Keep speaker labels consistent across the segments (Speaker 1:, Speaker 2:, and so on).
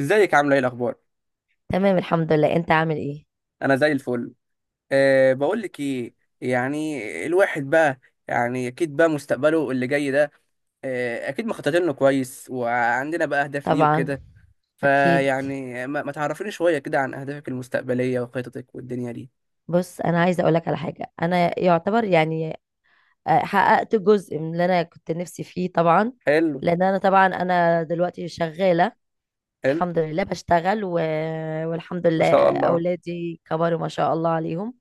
Speaker 1: ازيك؟ عامله ايه؟ الاخبار؟
Speaker 2: تمام، الحمد لله. انت عامل ايه؟
Speaker 1: انا زي الفل. بقول لك ايه؟ يعني الواحد بقى، يعني اكيد بقى مستقبله اللي جاي ده. اكيد مخططين له كويس، وعندنا بقى اهداف ليه
Speaker 2: طبعا.
Speaker 1: وكده.
Speaker 2: اكيد.
Speaker 1: فيعني، ما تعرفيني شويه كده عن اهدافك المستقبليه وخططك والدنيا دي.
Speaker 2: بص، انا عايزه اقول لك على حاجه. انا يعتبر يعني حققت جزء من اللي انا كنت نفسي فيه طبعا.
Speaker 1: حلو.
Speaker 2: لان انا دلوقتي شغاله.
Speaker 1: حلو.
Speaker 2: الحمد لله بشتغل والحمد
Speaker 1: ما
Speaker 2: لله.
Speaker 1: شاء الله.
Speaker 2: أولادي كبروا ما شاء الله عليهم،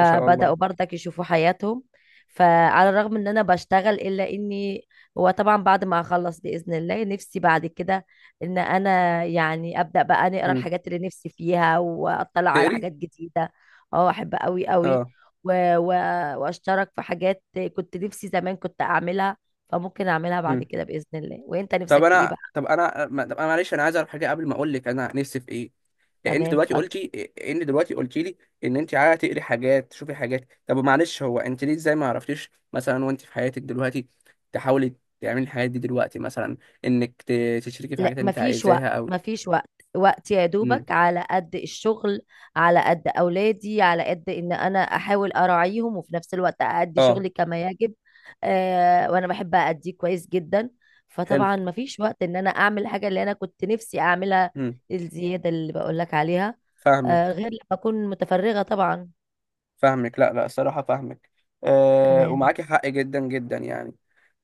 Speaker 1: ما شاء الله.
Speaker 2: برضك يشوفوا حياتهم. فعلى الرغم إن أنا بشتغل، إلا إني هو طبعا بعد ما أخلص بإذن الله نفسي بعد كده إن أنا يعني أبدأ بقى نقرأ
Speaker 1: مم.
Speaker 2: الحاجات اللي نفسي فيها وأطلع على
Speaker 1: تقري؟
Speaker 2: حاجات جديدة. أه، أحب أوي أوي
Speaker 1: اه.
Speaker 2: و... و... وأشترك في حاجات كنت نفسي زمان كنت أعملها، فممكن أعملها بعد
Speaker 1: مم.
Speaker 2: كده بإذن الله. وإنت
Speaker 1: طب
Speaker 2: نفسك في إيه بقى؟
Speaker 1: انا طب انا ما- طب انا معلش، انا عايز اعرف حاجه قبل ما اقول لك انا نفسي في ايه. انت
Speaker 2: تمام،
Speaker 1: دلوقتي
Speaker 2: اتفضل.
Speaker 1: قلتي انت دلوقتي قلتي لي ان انت عايزه تقري حاجات، تشوفي حاجات. طب معلش، هو انت ليه؟ ازاي ما عرفتيش مثلا وانت في حياتك دلوقتي تحاولي تعملي الحاجات دي دلوقتي، مثلا انك تشتركي في
Speaker 2: لا،
Speaker 1: حاجات انت
Speaker 2: مفيش
Speaker 1: عايزاها
Speaker 2: وقت،
Speaker 1: او.
Speaker 2: مفيش وقت. وقت يا
Speaker 1: امم.
Speaker 2: دوبك على قد الشغل، على قد أولادي، على قد إن أنا أحاول أراعيهم وفي نفس الوقت أأدي
Speaker 1: اه.
Speaker 2: شغلي كما يجب. وأنا بحب أأديه كويس جدا.
Speaker 1: حلو.
Speaker 2: فطبعا مفيش وقت إن أنا أعمل الحاجة اللي أنا كنت نفسي أعملها،
Speaker 1: امم.
Speaker 2: الزيادة اللي بقولك عليها،
Speaker 1: فاهمك.
Speaker 2: غير لما أكون متفرغة طبعا.
Speaker 1: فاهمك، لا لا، الصراحه فاهمك. آه،
Speaker 2: تمام.
Speaker 1: ومعاكي حق جدا جدا يعني.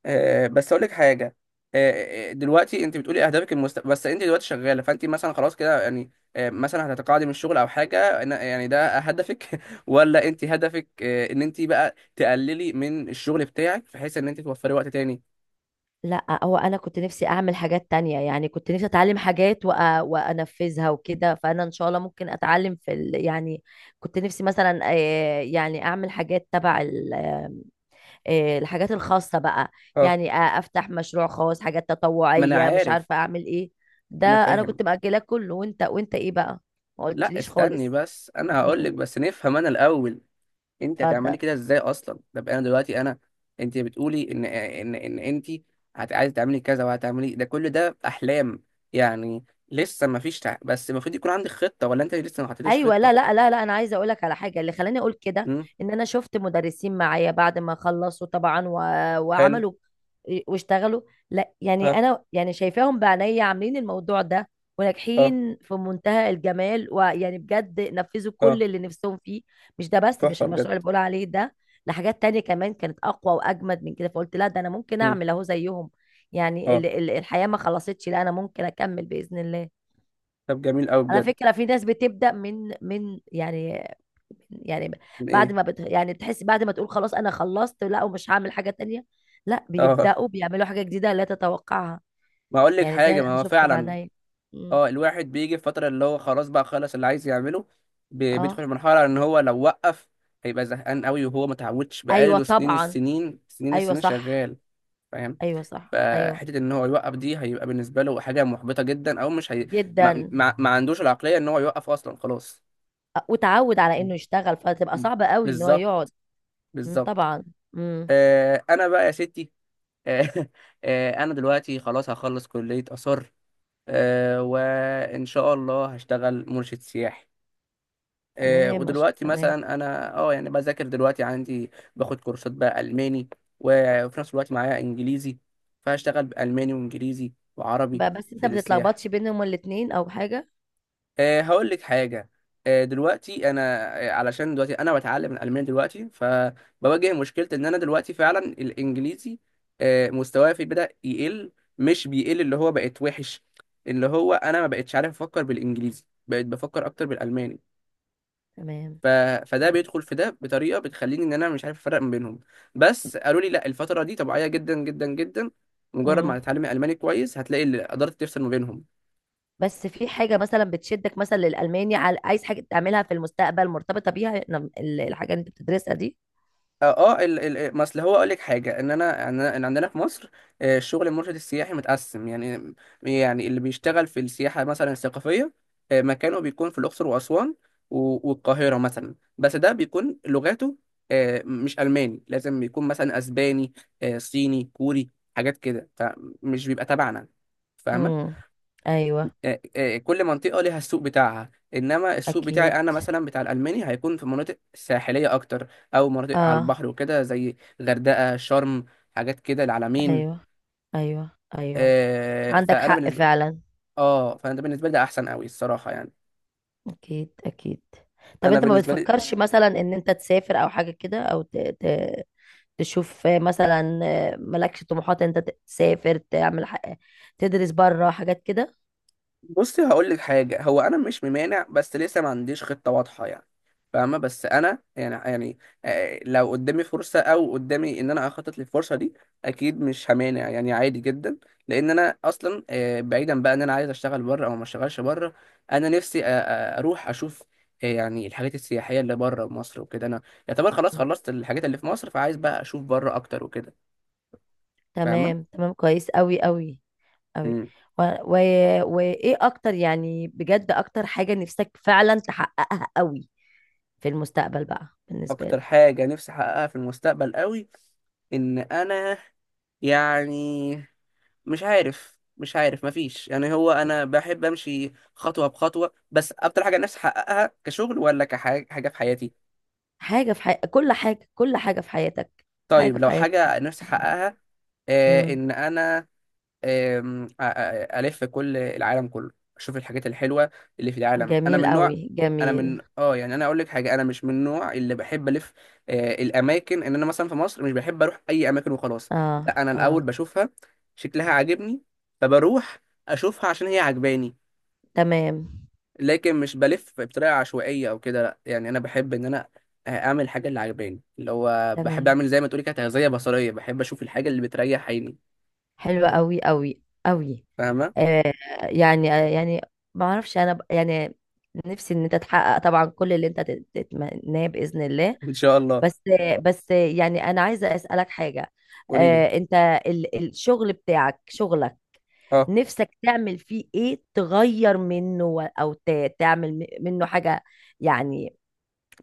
Speaker 1: آه، بس اقول لك حاجه. آه، آه، دلوقتي انت بتقولي اهدافك بس انت دلوقتي شغاله، فانت مثلا خلاص كده يعني. آه، مثلا هتتقاعدي من الشغل او حاجه؟ يعني ده هدفك؟ ولا انت هدفك، ان انت بقى تقللي من الشغل بتاعك بحيث ان انت توفري وقت تاني؟
Speaker 2: لا، هو انا كنت نفسي اعمل حاجات تانية، يعني كنت نفسي اتعلم حاجات وانفذها وكده، فانا ان شاء الله ممكن اتعلم في يعني كنت نفسي مثلا يعني اعمل حاجات تبع ال... آه، الحاجات الخاصة بقى.
Speaker 1: اه،
Speaker 2: يعني افتح مشروع خاص، حاجات
Speaker 1: ما انا
Speaker 2: تطوعية، مش
Speaker 1: عارف.
Speaker 2: عارفة اعمل ايه. ده
Speaker 1: انا
Speaker 2: انا
Speaker 1: فاهم.
Speaker 2: كنت مأجلاه كله. وانت ايه بقى؟ ما
Speaker 1: لا
Speaker 2: قلتليش
Speaker 1: استني
Speaker 2: خالص.
Speaker 1: بس، انا هقول لك بس نفهم انا الاول. انت
Speaker 2: اتفضل.
Speaker 1: هتعملي كده ازاي اصلا؟ طب انا دلوقتي انا. انت بتقولي ان انت عايزه تعملي كذا، وهتعملي ده. كل ده احلام يعني، لسه ما فيش بس المفروض يكون عندك خطه، ولا انت لسه ما حطيتيش
Speaker 2: ايوه.
Speaker 1: خطه؟
Speaker 2: لا لا لا لا، انا عايزه اقول لك على حاجه اللي خلاني اقول كده.
Speaker 1: امم.
Speaker 2: ان انا شفت مدرسين معايا بعد ما خلصوا طبعا
Speaker 1: حلو.
Speaker 2: وعملوا واشتغلوا. لا، يعني
Speaker 1: ها.
Speaker 2: انا يعني شايفاهم بعينيا عاملين الموضوع ده
Speaker 1: اه.
Speaker 2: وناجحين في منتهى الجمال، ويعني بجد نفذوا كل
Speaker 1: اه.
Speaker 2: اللي نفسهم فيه. مش ده بس، مش
Speaker 1: تحفه
Speaker 2: المشروع
Speaker 1: بجد.
Speaker 2: اللي بقول عليه ده، لحاجات تانية كمان كانت اقوى واجمد من كده، فقلت لا، ده انا ممكن
Speaker 1: امم.
Speaker 2: اعمل اهو زيهم. يعني
Speaker 1: اه.
Speaker 2: الحياه ما خلصتش، لا، انا ممكن اكمل باذن الله.
Speaker 1: طب جميل قوي
Speaker 2: على
Speaker 1: بجد.
Speaker 2: فكرة في ناس بتبدأ من يعني، يعني بعد
Speaker 1: ايه؟
Speaker 2: ما بت يعني تحس، بعد ما تقول خلاص أنا خلصت لا ومش هعمل حاجة تانية، لا
Speaker 1: اه.
Speaker 2: بيبدأوا بيعملوا حاجة جديدة لا تتوقعها.
Speaker 1: ما اقول لك
Speaker 2: يعني ده
Speaker 1: حاجه،
Speaker 2: أنا
Speaker 1: ما هو
Speaker 2: شفته
Speaker 1: فعلا.
Speaker 2: بعيني. مم.
Speaker 1: اه، الواحد بيجي في فترة اللي هو خلاص بقى خلص اللي عايز يعمله. بيدخل
Speaker 2: اه.
Speaker 1: في مرحلة ان هو لو وقف هيبقى زهقان قوي، وهو ما تعودش،
Speaker 2: أيوة
Speaker 1: بقاله سنين
Speaker 2: طبعا.
Speaker 1: السنين سنين
Speaker 2: أيوة
Speaker 1: السنين
Speaker 2: صح،
Speaker 1: شغال. فاهم.
Speaker 2: أيوة صح، أيوة.
Speaker 1: فحتة ان هو يوقف دي، هيبقى بالنسبة له حاجة محبطة جدا، او مش هي... ما...
Speaker 2: جدا.
Speaker 1: ما... ما عندوش العقلية ان هو يوقف اصلا خلاص.
Speaker 2: وتعود على إنه يشتغل فتبقى
Speaker 1: م.
Speaker 2: صعبة قوي إن هو
Speaker 1: بالظبط.
Speaker 2: يقعد. مم.
Speaker 1: بالظبط.
Speaker 2: طبعا. مم.
Speaker 1: آه، انا بقى يا ستي. آه. آه، انا دلوقتي خلاص هخلص كلية آثار. آه، وان شاء الله هشتغل مرشد سياحي. آه،
Speaker 2: تمام، مش
Speaker 1: ودلوقتي
Speaker 2: تمام.
Speaker 1: مثلا انا، يعني بذاكر دلوقتي، عندي باخد كورسات بقى الماني، وفي نفس الوقت معايا انجليزي. فهشتغل بالماني وانجليزي وعربي
Speaker 2: بس أنت
Speaker 1: في
Speaker 2: ما
Speaker 1: السياحه.
Speaker 2: بتتلخبطش بينهم الاتنين أو حاجة؟
Speaker 1: هقول لك حاجه. دلوقتي انا، علشان دلوقتي انا بتعلم الالماني دلوقتي، فبواجه مشكله ان انا دلوقتي فعلا الانجليزي مستواه في بدا يقل. مش بيقل، اللي هو بقت وحش. اللي هو، انا ما بقتش عارف افكر بالانجليزي، بقيت بفكر اكتر بالالماني.
Speaker 2: تمام،
Speaker 1: ف... فده
Speaker 2: تمام.
Speaker 1: بيدخل في ده بطريقه بتخليني ان انا مش عارف افرق ما بينهم. بس قالوا لي لا، الفتره دي طبيعيه جدا جدا جدا، مجرد ما
Speaker 2: مم.
Speaker 1: هتتعلمي الماني كويس هتلاقي اللي قدرت تفصل ما بينهم.
Speaker 2: بس في حاجة مثلا بتشدك مثلا للألماني؟ عايز حاجة تعملها في المستقبل مرتبطة بيها؟ الحاجة اللي انت بتدرسها دي؟
Speaker 1: اه. آه، ال ال ما اصل هو اقول لك حاجه، ان انا ان أنا- إن عندنا في مصر، آه، الشغل المرشد السياحي متقسم يعني. يعني اللي بيشتغل في السياحه مثلا الثقافيه، مكانه بيكون في الاقصر واسوان والقاهره مثلا، بس ده بيكون لغاته، مش الماني، لازم يكون مثلا اسباني، صيني، كوري، حاجات كده. فمش بيبقى تبعنا. فاهمه.
Speaker 2: امم. ايوه.
Speaker 1: كل منطقة ليها السوق بتاعها، إنما السوق بتاعي
Speaker 2: اكيد.
Speaker 1: أنا مثلا بتاع الألماني هيكون في مناطق ساحلية أكتر، أو مناطق على
Speaker 2: اه.
Speaker 1: البحر وكده، زي غردقة، شرم، حاجات كده، العلمين.
Speaker 2: ايوه، ايوه، ايوه، عندك
Speaker 1: فأنا
Speaker 2: حق
Speaker 1: بالنسبة.
Speaker 2: فعلا.
Speaker 1: فأنا ده بالنسبة لي ده أحسن أوي الصراحة يعني.
Speaker 2: اكيد، اكيد. طب
Speaker 1: أنا
Speaker 2: انت ما
Speaker 1: بالنسبة لي
Speaker 2: بتفكرش مثلا ان انت تسافر او حاجة كده؟ او تشوف مثلا؟ مالكش طموحات انت تسافر، تعمل تدرس بره، حاجات كده؟
Speaker 1: بصي هقول لك حاجه، هو انا مش ممانع بس لسه ما عنديش خطه واضحه يعني. فاهمه. بس انا يعني، لو قدامي فرصه، او قدامي ان انا اخطط للفرصه دي، اكيد مش همانع، يعني عادي جدا. لان انا اصلا، بعيدا بقى ان انا عايز اشتغل بره او ما اشتغلش بره، انا نفسي اروح اشوف، يعني الحاجات السياحيه اللي بره مصر وكده. انا يعتبر خلاص
Speaker 2: مم.
Speaker 1: خلصت الحاجات اللي في مصر، فعايز بقى اشوف بره اكتر وكده. فاهمه.
Speaker 2: تمام، تمام، كويس قوي، قوي، قوي.
Speaker 1: مم.
Speaker 2: و... و... وايه اكتر، يعني بجد، اكتر حاجة نفسك فعلا تحققها قوي في المستقبل بقى بالنسبة
Speaker 1: اكتر
Speaker 2: لك؟
Speaker 1: حاجه نفسي احققها في المستقبل قوي، ان انا يعني، مش عارف. مفيش يعني، هو انا بحب امشي خطوه بخطوه. بس اكتر حاجه نفسي احققها كشغل، ولا كحاجه في حياتي؟
Speaker 2: حاجة في حي... كل حاجة كل حاجة في حياتك
Speaker 1: طيب،
Speaker 2: حاجة في
Speaker 1: لو
Speaker 2: حياتك
Speaker 1: حاجه
Speaker 2: نفسك
Speaker 1: نفسي
Speaker 2: تعملها.
Speaker 1: احققها
Speaker 2: امم.
Speaker 1: ان انا، آم، أ- أ- الف كل العالم كله، اشوف الحاجات الحلوه اللي في العالم. انا
Speaker 2: جميل
Speaker 1: من نوع،
Speaker 2: قوي،
Speaker 1: انا
Speaker 2: جميل.
Speaker 1: من اه يعني انا اقول لك حاجه، انا مش من النوع اللي بحب الف الاماكن. ان انا مثلا في مصر مش بحب اروح اي اماكن وخلاص.
Speaker 2: اه،
Speaker 1: لا، انا
Speaker 2: اه.
Speaker 1: الاول بشوفها، شكلها عاجبني، فبروح اشوفها عشان هي عجباني.
Speaker 2: تمام،
Speaker 1: لكن مش بلف بطريقه عشوائيه او كده، لا. يعني انا بحب ان انا اعمل الحاجه اللي عجباني، اللي هو بحب
Speaker 2: تمام،
Speaker 1: اعمل زي ما تقولي كده تغذيه بصريه، بحب اشوف الحاجه اللي بتريح عيني.
Speaker 2: حلوة قوي، قوي، قوي.
Speaker 1: فاهمه.
Speaker 2: آه. يعني يعني ما اعرفش. انا يعني نفسي ان انت تحقق طبعا كل اللي انت تتمناه بإذن الله.
Speaker 1: ان شاء الله.
Speaker 2: بس، بس يعني انا عايزه اسالك حاجه.
Speaker 1: قولي لي.
Speaker 2: انت الشغل بتاعك، شغلك
Speaker 1: اه.
Speaker 2: نفسك تعمل فيه ايه؟ تغير منه او تعمل منه حاجه يعني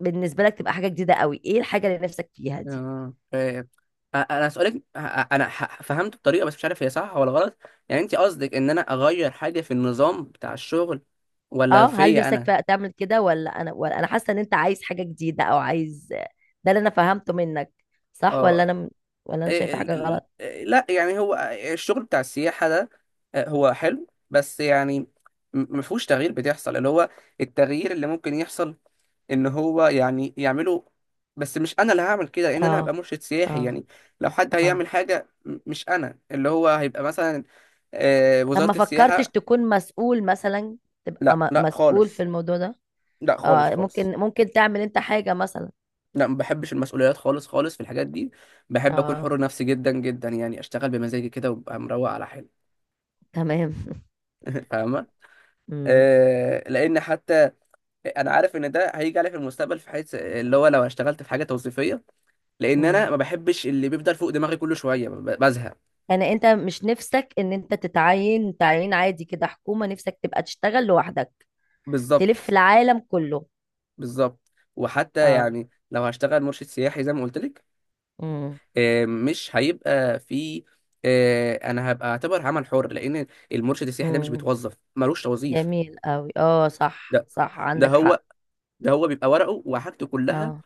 Speaker 2: بالنسبه لك تبقى حاجه جديده قوي؟ ايه الحاجه اللي نفسك فيها دي؟
Speaker 1: فاهم. انا هسألك. انا فهمت بطريقه، بس مش عارف هي صح ولا غلط. يعني انت قصدك ان انا اغير حاجه في النظام بتاع الشغل، ولا
Speaker 2: اه، هل
Speaker 1: فيا
Speaker 2: نفسك
Speaker 1: انا؟
Speaker 2: فيها تعمل كده؟ ولا انا، ولا انا حاسه ان انت عايز حاجه جديده او عايز؟ ده اللي انا فهمته منك، صح؟
Speaker 1: اه.
Speaker 2: ولا انا شايفه
Speaker 1: إيه، ال-
Speaker 2: حاجه
Speaker 1: ال-
Speaker 2: غلط؟
Speaker 1: إيه، لا يعني هو، الشغل بتاع السياحة ده، هو حلو. بس يعني مفهوش تغيير بتحصل، اللي هو التغيير اللي ممكن يحصل ان هو يعني يعمله، بس مش انا اللي هعمل كده، لان انا
Speaker 2: اه،
Speaker 1: هبقى مرشد سياحي
Speaker 2: اه،
Speaker 1: يعني. لو حد
Speaker 2: اه.
Speaker 1: هيعمل حاجة مش انا، اللي هو هيبقى مثلا
Speaker 2: طب ما
Speaker 1: وزارة
Speaker 2: فكرتش
Speaker 1: السياحة.
Speaker 2: تكون مسؤول مثلا؟ تبقى
Speaker 1: لا لا
Speaker 2: مسؤول في
Speaker 1: خالص.
Speaker 2: الموضوع ده.
Speaker 1: لا خالص
Speaker 2: اه، ممكن،
Speaker 1: خالص.
Speaker 2: ممكن تعمل انت حاجة مثلا.
Speaker 1: لا، ما بحبش المسؤوليات خالص خالص في الحاجات دي. بحب اكون
Speaker 2: اه،
Speaker 1: حر نفسي جدا جدا، يعني اشتغل بمزاجي كده وابقى مروق على حالي.
Speaker 2: تمام.
Speaker 1: فاهمة.
Speaker 2: امم،
Speaker 1: لان حتى انا عارف ان ده هيجي علي في المستقبل، في حيث اللي هو لو اشتغلت في حاجه توظيفيه، لان انا
Speaker 2: امم.
Speaker 1: ما بحبش اللي بيفضل فوق دماغي كل شويه بزهق.
Speaker 2: يعني انت مش نفسك ان انت تتعين تعيين عادي كده، حكومة؟ نفسك تبقى تشتغل لوحدك، تلف
Speaker 1: بالظبط.
Speaker 2: العالم كله؟
Speaker 1: بالظبط. وحتى
Speaker 2: اه.
Speaker 1: يعني لو هشتغل مرشد سياحي زي ما قلت لك،
Speaker 2: امم،
Speaker 1: مش هيبقى في، انا هبقى اعتبر عمل حر، لان المرشد السياحي ده مش
Speaker 2: امم،
Speaker 1: بيتوظف، ملوش توظيف.
Speaker 2: جميل قوي. اه، صح،
Speaker 1: ده
Speaker 2: صح،
Speaker 1: ده
Speaker 2: عندك حق.
Speaker 1: هو ده هو بيبقى ورقه وحاجته كلها
Speaker 2: اه.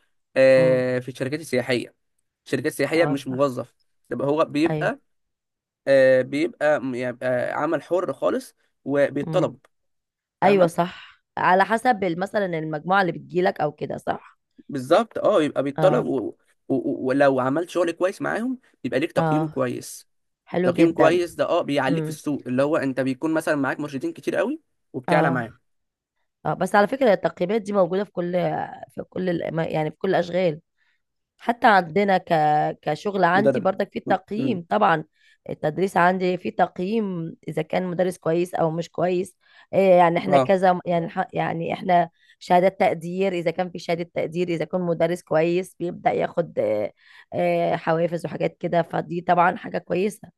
Speaker 2: امم.
Speaker 1: في الشركات السياحيه. الشركات السياحيه
Speaker 2: اه،
Speaker 1: مش
Speaker 2: صح.
Speaker 1: موظف، يبقى هو
Speaker 2: ايوه.
Speaker 1: بيبقى، يبقى عمل حر خالص،
Speaker 2: امم.
Speaker 1: وبيتطلب.
Speaker 2: ايوه
Speaker 1: فاهمه.
Speaker 2: صح، على حسب مثلا المجموعة اللي بتجيلك او كده، صح؟
Speaker 1: بالظبط، يبقى
Speaker 2: اه،
Speaker 1: بيتطلب، ولو عملت شغل كويس معاهم يبقى ليك تقييم
Speaker 2: اه،
Speaker 1: كويس.
Speaker 2: حلو
Speaker 1: تقييم
Speaker 2: جدا.
Speaker 1: كويس ده بيعليك في
Speaker 2: امم.
Speaker 1: السوق، اللي هو انت بيكون مثلا معاك مرشدين كتير قوي، وبتعلى
Speaker 2: اه،
Speaker 1: معاهم.
Speaker 2: اه. بس على فكرة التقييمات دي موجودة في كل، في كل يعني في كل الأشغال، حتى عندنا كشغل عندي
Speaker 1: مدرب.
Speaker 2: برضك في
Speaker 1: امم.
Speaker 2: تقييم طبعا. التدريس عندي في تقييم، إذا كان مدرس كويس أو مش كويس. إيه يعني احنا
Speaker 1: اه.
Speaker 2: كذا، يعني يعني احنا شهادات تقدير، إذا كان في شهادة تقدير، إذا كان مدرس كويس بيبدأ ياخد حوافز وحاجات كده، فدي طبعا حاجة كويسة.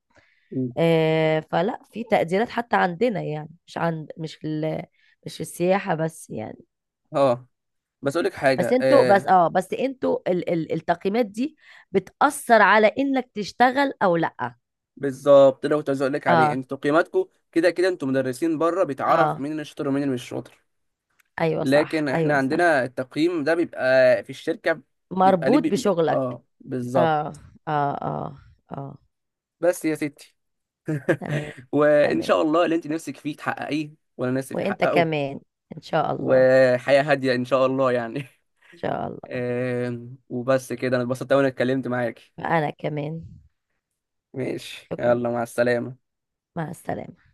Speaker 1: مم.
Speaker 2: فلا في تقديرات حتى عندنا، يعني مش عند، مش في مش في السياحة بس يعني.
Speaker 1: اه. بس اقول لك
Speaker 2: بس
Speaker 1: حاجه
Speaker 2: انتوا بس
Speaker 1: آه
Speaker 2: اه بس انتوا ال التقييمات دي بتأثر على انك تشتغل او لا؟
Speaker 1: بالظبط، ده كنت عايز اقول لك عليه.
Speaker 2: اه،
Speaker 1: انتوا تقييماتكم كده كده، انتوا مدرسين بره، بيتعرف
Speaker 2: اه،
Speaker 1: مين اللي شاطر ومين اللي مش شاطر.
Speaker 2: ايوه صح،
Speaker 1: لكن احنا
Speaker 2: ايوه صح،
Speaker 1: عندنا التقييم ده بيبقى في الشركة، بيبقى ليه
Speaker 2: مربوط بشغلك.
Speaker 1: اه،
Speaker 2: اه،
Speaker 1: بالظبط.
Speaker 2: اه، اه، اه.
Speaker 1: بس يا ستي.
Speaker 2: تمام،
Speaker 1: وان
Speaker 2: تمام.
Speaker 1: شاء الله اللي انت نفسك فيه تحققيه وانا نفسي فيه
Speaker 2: وانت
Speaker 1: احققه،
Speaker 2: كمان ان شاء الله. ان
Speaker 1: وحياة هادية ان شاء الله يعني.
Speaker 2: شاء الله.
Speaker 1: وبس كده، انا اتبسطت أوي اني اتكلمت معاكي.
Speaker 2: انا كمان.
Speaker 1: ماشي،
Speaker 2: شكرا.
Speaker 1: يلا مع السلامة.
Speaker 2: مع السلامة.